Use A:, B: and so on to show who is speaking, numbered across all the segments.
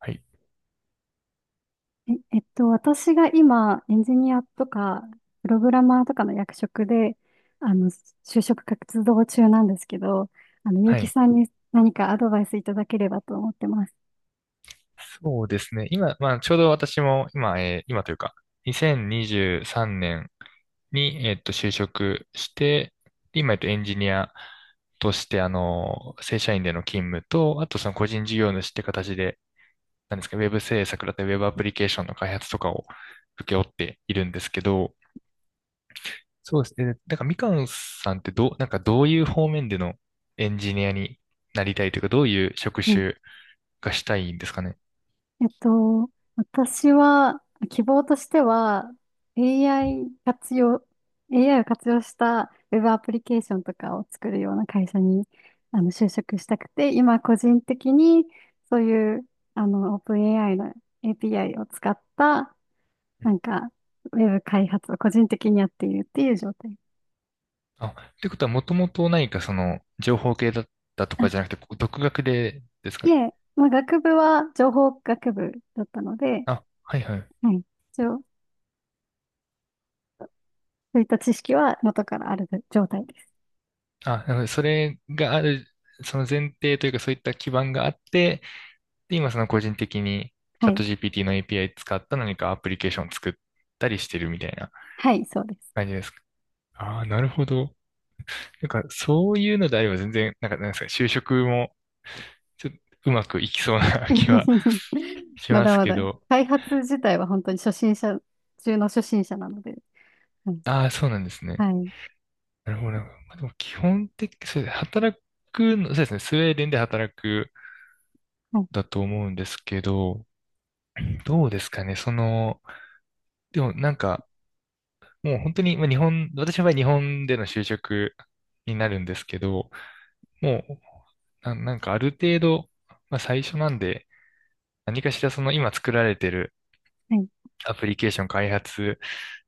A: はい。
B: 私が今、エンジニアとか、プログラマーとかの役職で、あの、就職活動中なんですけど、
A: は
B: 結城
A: い。
B: さんに何かアドバイスいただければと思ってます。
A: そうですね。今、まあ、ちょうど私も、今、今というか、2023年にじゅうさんねんに、就職して、で今、エンジニアとして、正社員での勤務と、あと、その個人事業主って形で、なんですか、ウェブ制作だったり、ウェブアプリケーションの開発とかを請け負っているんですけど、そうですね。なんか、みかんさんってどう、なんか、どういう方面でのエンジニアになりたいというか、どういう職種がしたいんですかね。
B: えっと、私は、希望としては、AI 活用、AI を活用したウェブアプリケーションとかを作るような会社に、就職したくて、今個人的に、そういう、オープン AI の API を使った、なんか、ウェブ開発を個人的にやっているっていう状態。
A: あ、ってことは、もともと何かその、情報系だったとか
B: あ、
A: じゃなくて、こう独学でですか
B: い
A: ね。
B: え、まあ、学部は情報学部だったので、
A: あ、はいはい。
B: はい。一応、そういった知識は元からある状態です。
A: あ、なるほどそれがある、その前提というか、そういった基盤があって、で、今その個人的に、チ
B: は
A: ャッ
B: い。
A: ト GPT の API 使った何かアプリケーションを作ったりしてるみたいな
B: はい、そうです。
A: 感じですか。ああ、なるほど。なんか、そういうのであれば全然、なんか、なんですか、就職も、ちょっとうまくいきそうな 気は し
B: ま
A: ま
B: だ
A: す
B: ま
A: け
B: だ。
A: ど、
B: 開発自体は本当に初心者中の初心者なので。はい。
A: ああ、そうなんですね。
B: はい。
A: なるほど、なるほど。まあ、でも基本的、そうですね働くの、そうですね、スウェーデンで働く
B: はい。
A: だと思うんですけど、どうですかね、その、でもなんか、もう本当に、まあ、私の場合日本での就職になるんですけど、もう、なんかある程度、まあ、最初なんで、何かしらその今作られてる
B: はい。
A: アプリケーション開発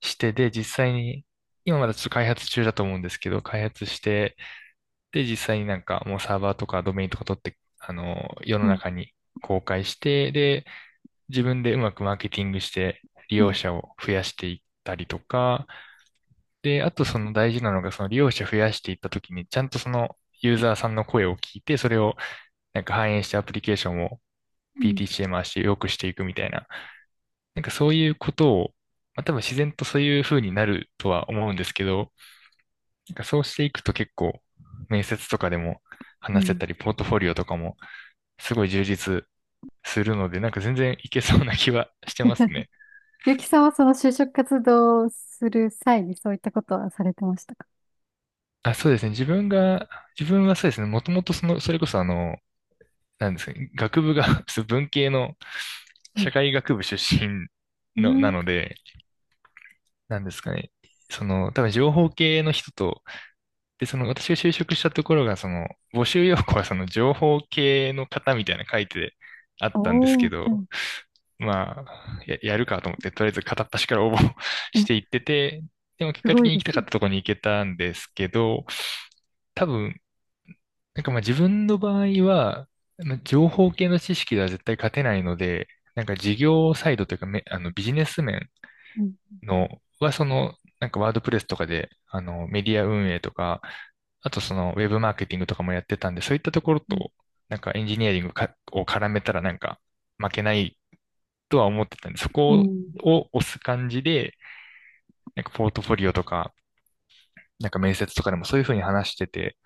A: してで、実際に、今まだちょっと開発中だと思うんですけど、開発して、で、実際になんかもうサーバーとかドメインとか取って、世の
B: うん。
A: 中に公開して、で、自分でうまくマーケティングして利
B: う
A: 用
B: ん。
A: 者を増やしていったりとか、で、あとその大事なのがその利用者増やしていったときにちゃんとそのユーザーさんの声を聞いて、それをなんか反映してアプリケーションを
B: うん。
A: PTC m 回して良くしていくみたいな、なんかそういうことを、まあ、多分自然とそういう風になるとは思うんですけど、なんかそうしていくと結構面接とかでも
B: う
A: 話せ
B: ん。
A: たり、ポートフォリオとかもすごい充実するので、なんか全然いけそうな気はしてます ね。
B: ゆきさんはその就職活動をする際にそういったことはされてましたか。
A: あ、そうですね。自分はそうですね。もともとその、それこそなんですかね。学部が そう文系の
B: は
A: 社
B: い。
A: 会学部出身
B: う
A: の、な
B: ん。
A: ので、なんですかね。その、多分情報系の人と、で、その私が就職したところが、その、募集要項はその情報系の方みたいなの書いてあったんです
B: お
A: け
B: ー、は
A: ど、
B: い。
A: まあ、やるかと思って、とりあえず片っ端から応募 していっ
B: え、
A: てて、でも結
B: す
A: 果
B: ご
A: 的
B: い
A: に
B: で
A: 行きた
B: す
A: か
B: ね。
A: ったところに行けたんですけど、多分、なんかまあ自分の場合は、まあ情報系の知識では絶対勝てないので、なんか事業サイドというかめ、ビジネス面
B: うん。
A: のは、その、なんかワードプレスとかで、メディア運営とか、あとそのウェブマーケティングとかもやってたんで、そういったところ
B: うん。
A: と、なんかエンジニアリングかを絡めたらなんか負けないとは思ってたんで、そ
B: う
A: こ
B: ん。
A: を押す感じで、なんかポートフォリオとか、なんか面接とかでもそういうふうに話してて、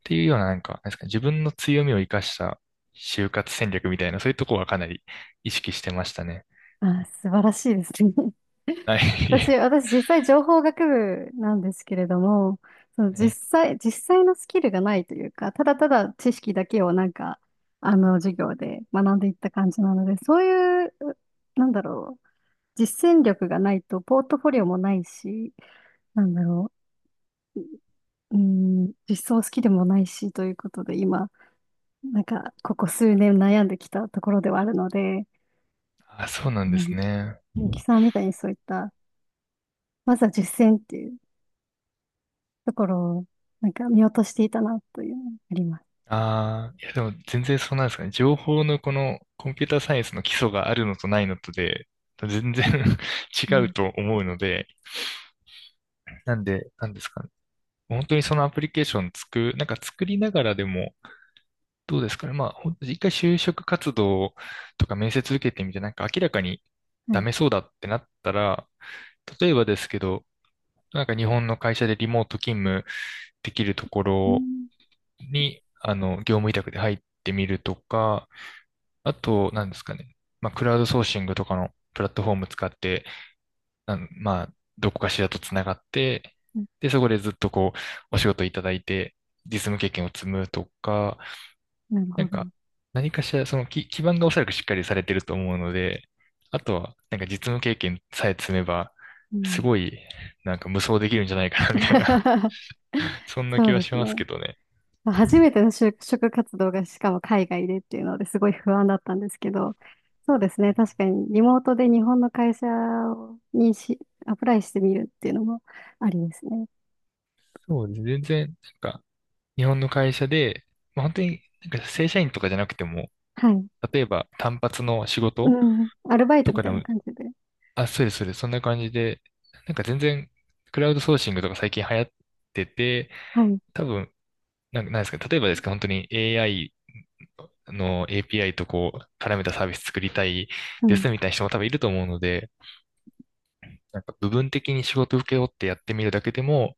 A: っていうようななんか、なんですかね、自分の強みを生かした就活戦略みたいな、そういうとこはかなり意識してましたね。
B: あー、素晴らしいですね。
A: は
B: 私、
A: い。
B: 私実際情報学部なんですけれども、
A: はい
B: 実際のスキルがないというか、ただただ知識だけを授業で学んでいった感じなので、そういう、なんだろう、実践力がないと、ポートフォリオもないし、なんだろう、うーん、実装スキルもないし、ということで、今、ここ数年悩んできたところではあるので、
A: あ、そうなん
B: う
A: です
B: ん、
A: ね。
B: ゆきさんみたいにそういった、まずは実践っていうところを、見落としていたな、というのがあります
A: ああ、いやでも全然そうなんですかね。情報のこのコンピューターサイエンスの基礎があるのとないのとで、全然 違う
B: ね。
A: と思うので、なんで、なんですかね。本当にそのアプリケーションなんか作りながらでも、どうですかね。まあ、一回就職活動とか面接受けてみて、なんか明らかに
B: は
A: ダ
B: い。
A: メそうだってなったら、例えばですけど、なんか日本の会社でリモート勤務できるとこ
B: う
A: ろ
B: ん。
A: に、業務委託で入ってみるとか、あと、なんですかね。まあ、クラウドソーシングとかのプラットフォーム使って、まあ、どこかしらとつながって、
B: な、
A: で、そこでずっとこう、お仕事いただいて、実務経験を積むとか、
B: なる
A: な
B: ほ
A: ん
B: ど。
A: か、何かしら、その基盤がおそらくしっかりされてると思うので、あとは、なんか実務経験さえ積めば、
B: う
A: す
B: ん。
A: ごい、なんか無双できるんじゃないかな、みたいな そんな
B: そ
A: 気
B: う
A: は
B: で
A: し
B: す
A: ます
B: ね。
A: けどね。
B: まあ初めての就職活動がしかも海外でっていうのですごい不安だったんですけど、そうですね。確かにリモートで日本の会社にし、アプライしてみるっていうのもありですね。
A: そうです。全然、なんか、日本の会社で、まあ、本当に、なんか正社員とかじゃなくても、
B: はい。
A: 例えば単発の仕
B: う
A: 事
B: ん。アルバイト
A: と
B: み
A: か
B: た
A: で
B: いな
A: も、
B: 感じで。
A: あ、そうです、そうです、そんな感じで、なんか全然、クラウドソーシングとか最近流行ってて、
B: はい。
A: 多分、なんか、なんですか、例えばですか、本当に AI の API とこう、絡めたサービス作りたい
B: う
A: で
B: ん。
A: すみたいな人も多分いると思うので、なんか部分的に仕事受け負ってやってみるだけでも、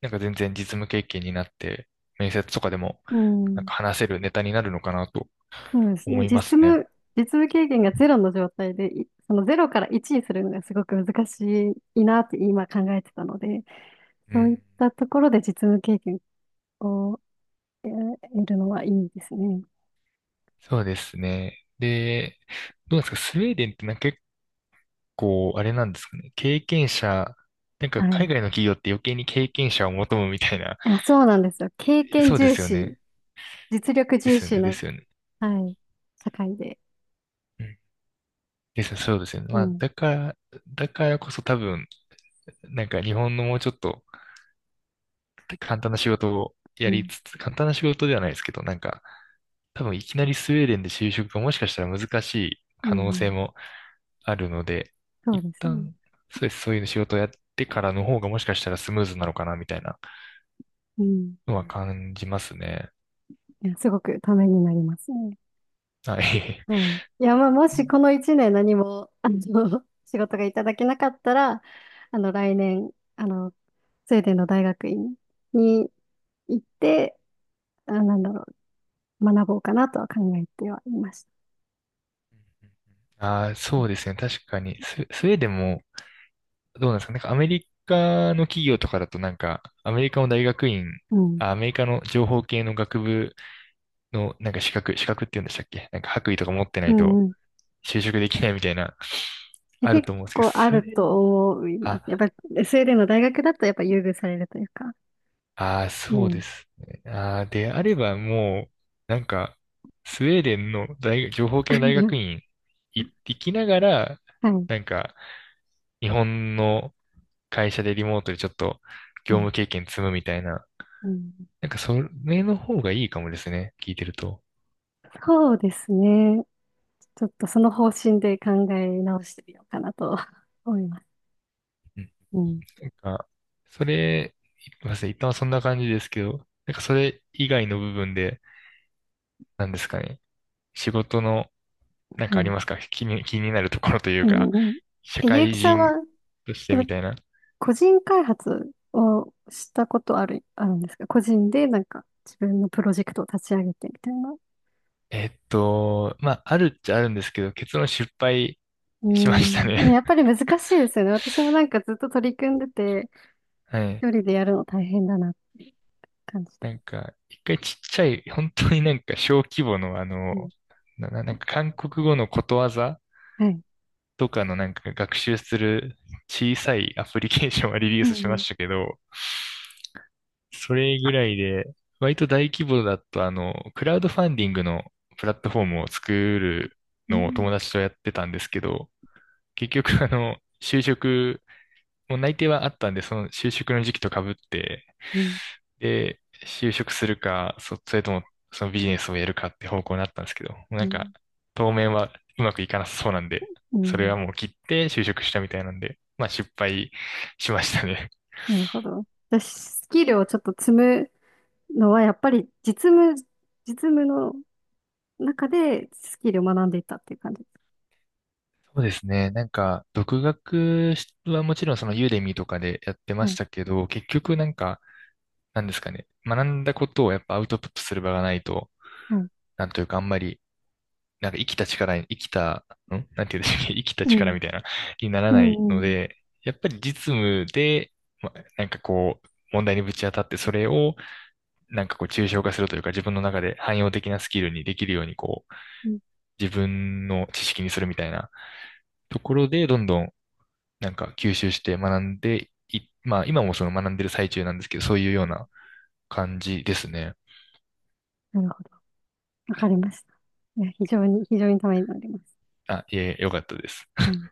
A: なんか全然実務経験になって、面接とかでも、
B: う
A: なん
B: ん。
A: か話せるネタになるのかなと
B: そうですね。
A: 思いますね。
B: 実務経験がゼロの状態で、いそのゼロから1にするのがすごく難しいなって今考えてたので、
A: う
B: そういっ
A: ん。
B: たところで実務経験を得るのはいいですね。
A: そうですね。で、どうですか、スウェーデンってなんか結構、あれなんですかね、経験者、なんか
B: は
A: 海
B: い。
A: 外の企業って余計に経験者を求むみたいな、
B: あ、そうなんですよ。経験
A: そうで
B: 重
A: すよ
B: 視、
A: ね。
B: 実力
A: で
B: 重
A: すよ
B: 視
A: ね、
B: な、
A: ですよね。
B: はい、社会で。
A: ですねそうですよね。
B: う
A: まあ、
B: ん、
A: だからこそ多分、なんか日本のもうちょっと簡単な仕事を
B: う
A: やり
B: ん、
A: つつ、簡単な仕事ではないですけど、なんか、多分いきなりスウェーデンで就職がもしかしたら難しい
B: う
A: 可能
B: ん、う
A: 性
B: ん。
A: もあるので、
B: そう
A: 一
B: ですね。
A: 旦、そうです、そういう仕事をやってからの方がもしかしたらスムーズなのかな、みたいな
B: うん。
A: のは感じますね。
B: いや、すごくためになりますね。
A: はい。
B: はい。いや、まあ、もしこの一年何も、仕事がいただけなかったら、来年、あの、スウェーデンの大学院に行って、あ、なんだろう、学ぼうかなとは考えてはいました。
A: ああ、そうですね。確かに。スウェーデンもどうなんですかなんかアメリカの企業とかだとなんか、アメリカの大学院、
B: うん。
A: あ、アメリカの情報系の学部のなんか資格、資格って言うんでしたっけなんか白衣とか持ってな
B: う
A: い
B: ん
A: と
B: うん。
A: 就職できないみたいな、
B: で
A: ある
B: 結
A: と思うんです
B: 構あ
A: けど、
B: る
A: それ、
B: と思います。やっ
A: あ、
B: ぱり、スウェーデンの大学だとやっぱ優遇されるというか。
A: あー、
B: う
A: そうで
B: ん。
A: すね。あー、であればもう、なんか、スウェーデンの大学、情報系の大 学院行ってきながら、
B: はい。
A: なんか、日本の会社でリモートでちょっと
B: は
A: 業
B: い。
A: 務経験積むみたいな、
B: うん。
A: なんかそれの方がいいかもですね。聞いてると。
B: そうですね。ちょっとその方針で考え直してみようかなと思います。
A: うん。
B: うん。
A: なんか、それ、ごめんなさい。一旦はそんな感じですけど、なんかそれ以外の部分で、なんですかね。仕事の、なん
B: は
A: かあり
B: い。
A: ますか気になるところという
B: う
A: か、
B: んうん。
A: 社
B: え、ゆう
A: 会
B: きさんは、
A: 人とし
B: そ
A: て
B: の
A: みたいな。
B: 個人開発をしたことある、あるんですか、個人でなんか自分のプロジェクトを立ち上げてみたいな。
A: まあ、あるっちゃあるんですけど、結論失敗
B: う
A: しました
B: ん。いや、や
A: ね。
B: っぱり 難しいですよね。私もなんかずっと取り組んでて、
A: はい。
B: 一人でやるの大変だなって感じて。
A: なんか、一回ちっちゃい、本当になんか小規模の
B: うん。
A: なんか韓国語のことわざ
B: はい。
A: とかのなんか学習する小さいアプリケーションは リリ
B: う
A: ースし
B: んう
A: ま
B: ん。
A: したけど、それぐらいで、割と大規模だと、クラウドファンディングのプラットフォームを作る
B: う
A: のを
B: ん。
A: 友達とやってたんですけど、結局、就職、もう内定はあったんで、その就職の時期とかぶって、で、就職するか、それともそのビジネスをやるかって方向になったんですけど、もう
B: う
A: なん
B: ん。
A: か、当面はうまくいかなさそうなんで、
B: う
A: それ
B: ん。
A: はもう切って就職したみたいなんで、まあ失敗しましたね。
B: なるほど。私、スキルをちょっと積むのは、やっぱり実務の中でスキルを学んでいったっていう感じです。
A: そうですね。なんか、独学はもちろんそのユーデミーとかでやってま
B: は
A: し
B: い。
A: たけど、結局なんか、なんですかね。学んだことをやっぱアウトプットする場がないと、
B: はい。
A: なんというかあんまりなんか生きた力に、生きた、んなんて言うんでしたっけ生きた
B: う
A: 力
B: ん。
A: みたいな、になら
B: う
A: ない
B: ん、
A: の
B: うん。
A: で、やっぱり実務で、ま、なんかこう、問題にぶち当たって、それを、なんかこう、抽象化するというか、自分の中で汎用的なスキルにできるように、こう、
B: うん。
A: 自分の知識にするみたいなところで、どんどん、なんか吸収して学んでい、まあ、今もその学んでる最中なんですけど、そういうような感じですね。
B: なるほど。わかりました。いや、非常にためになります。
A: あ、いえ、よかったです。
B: はい。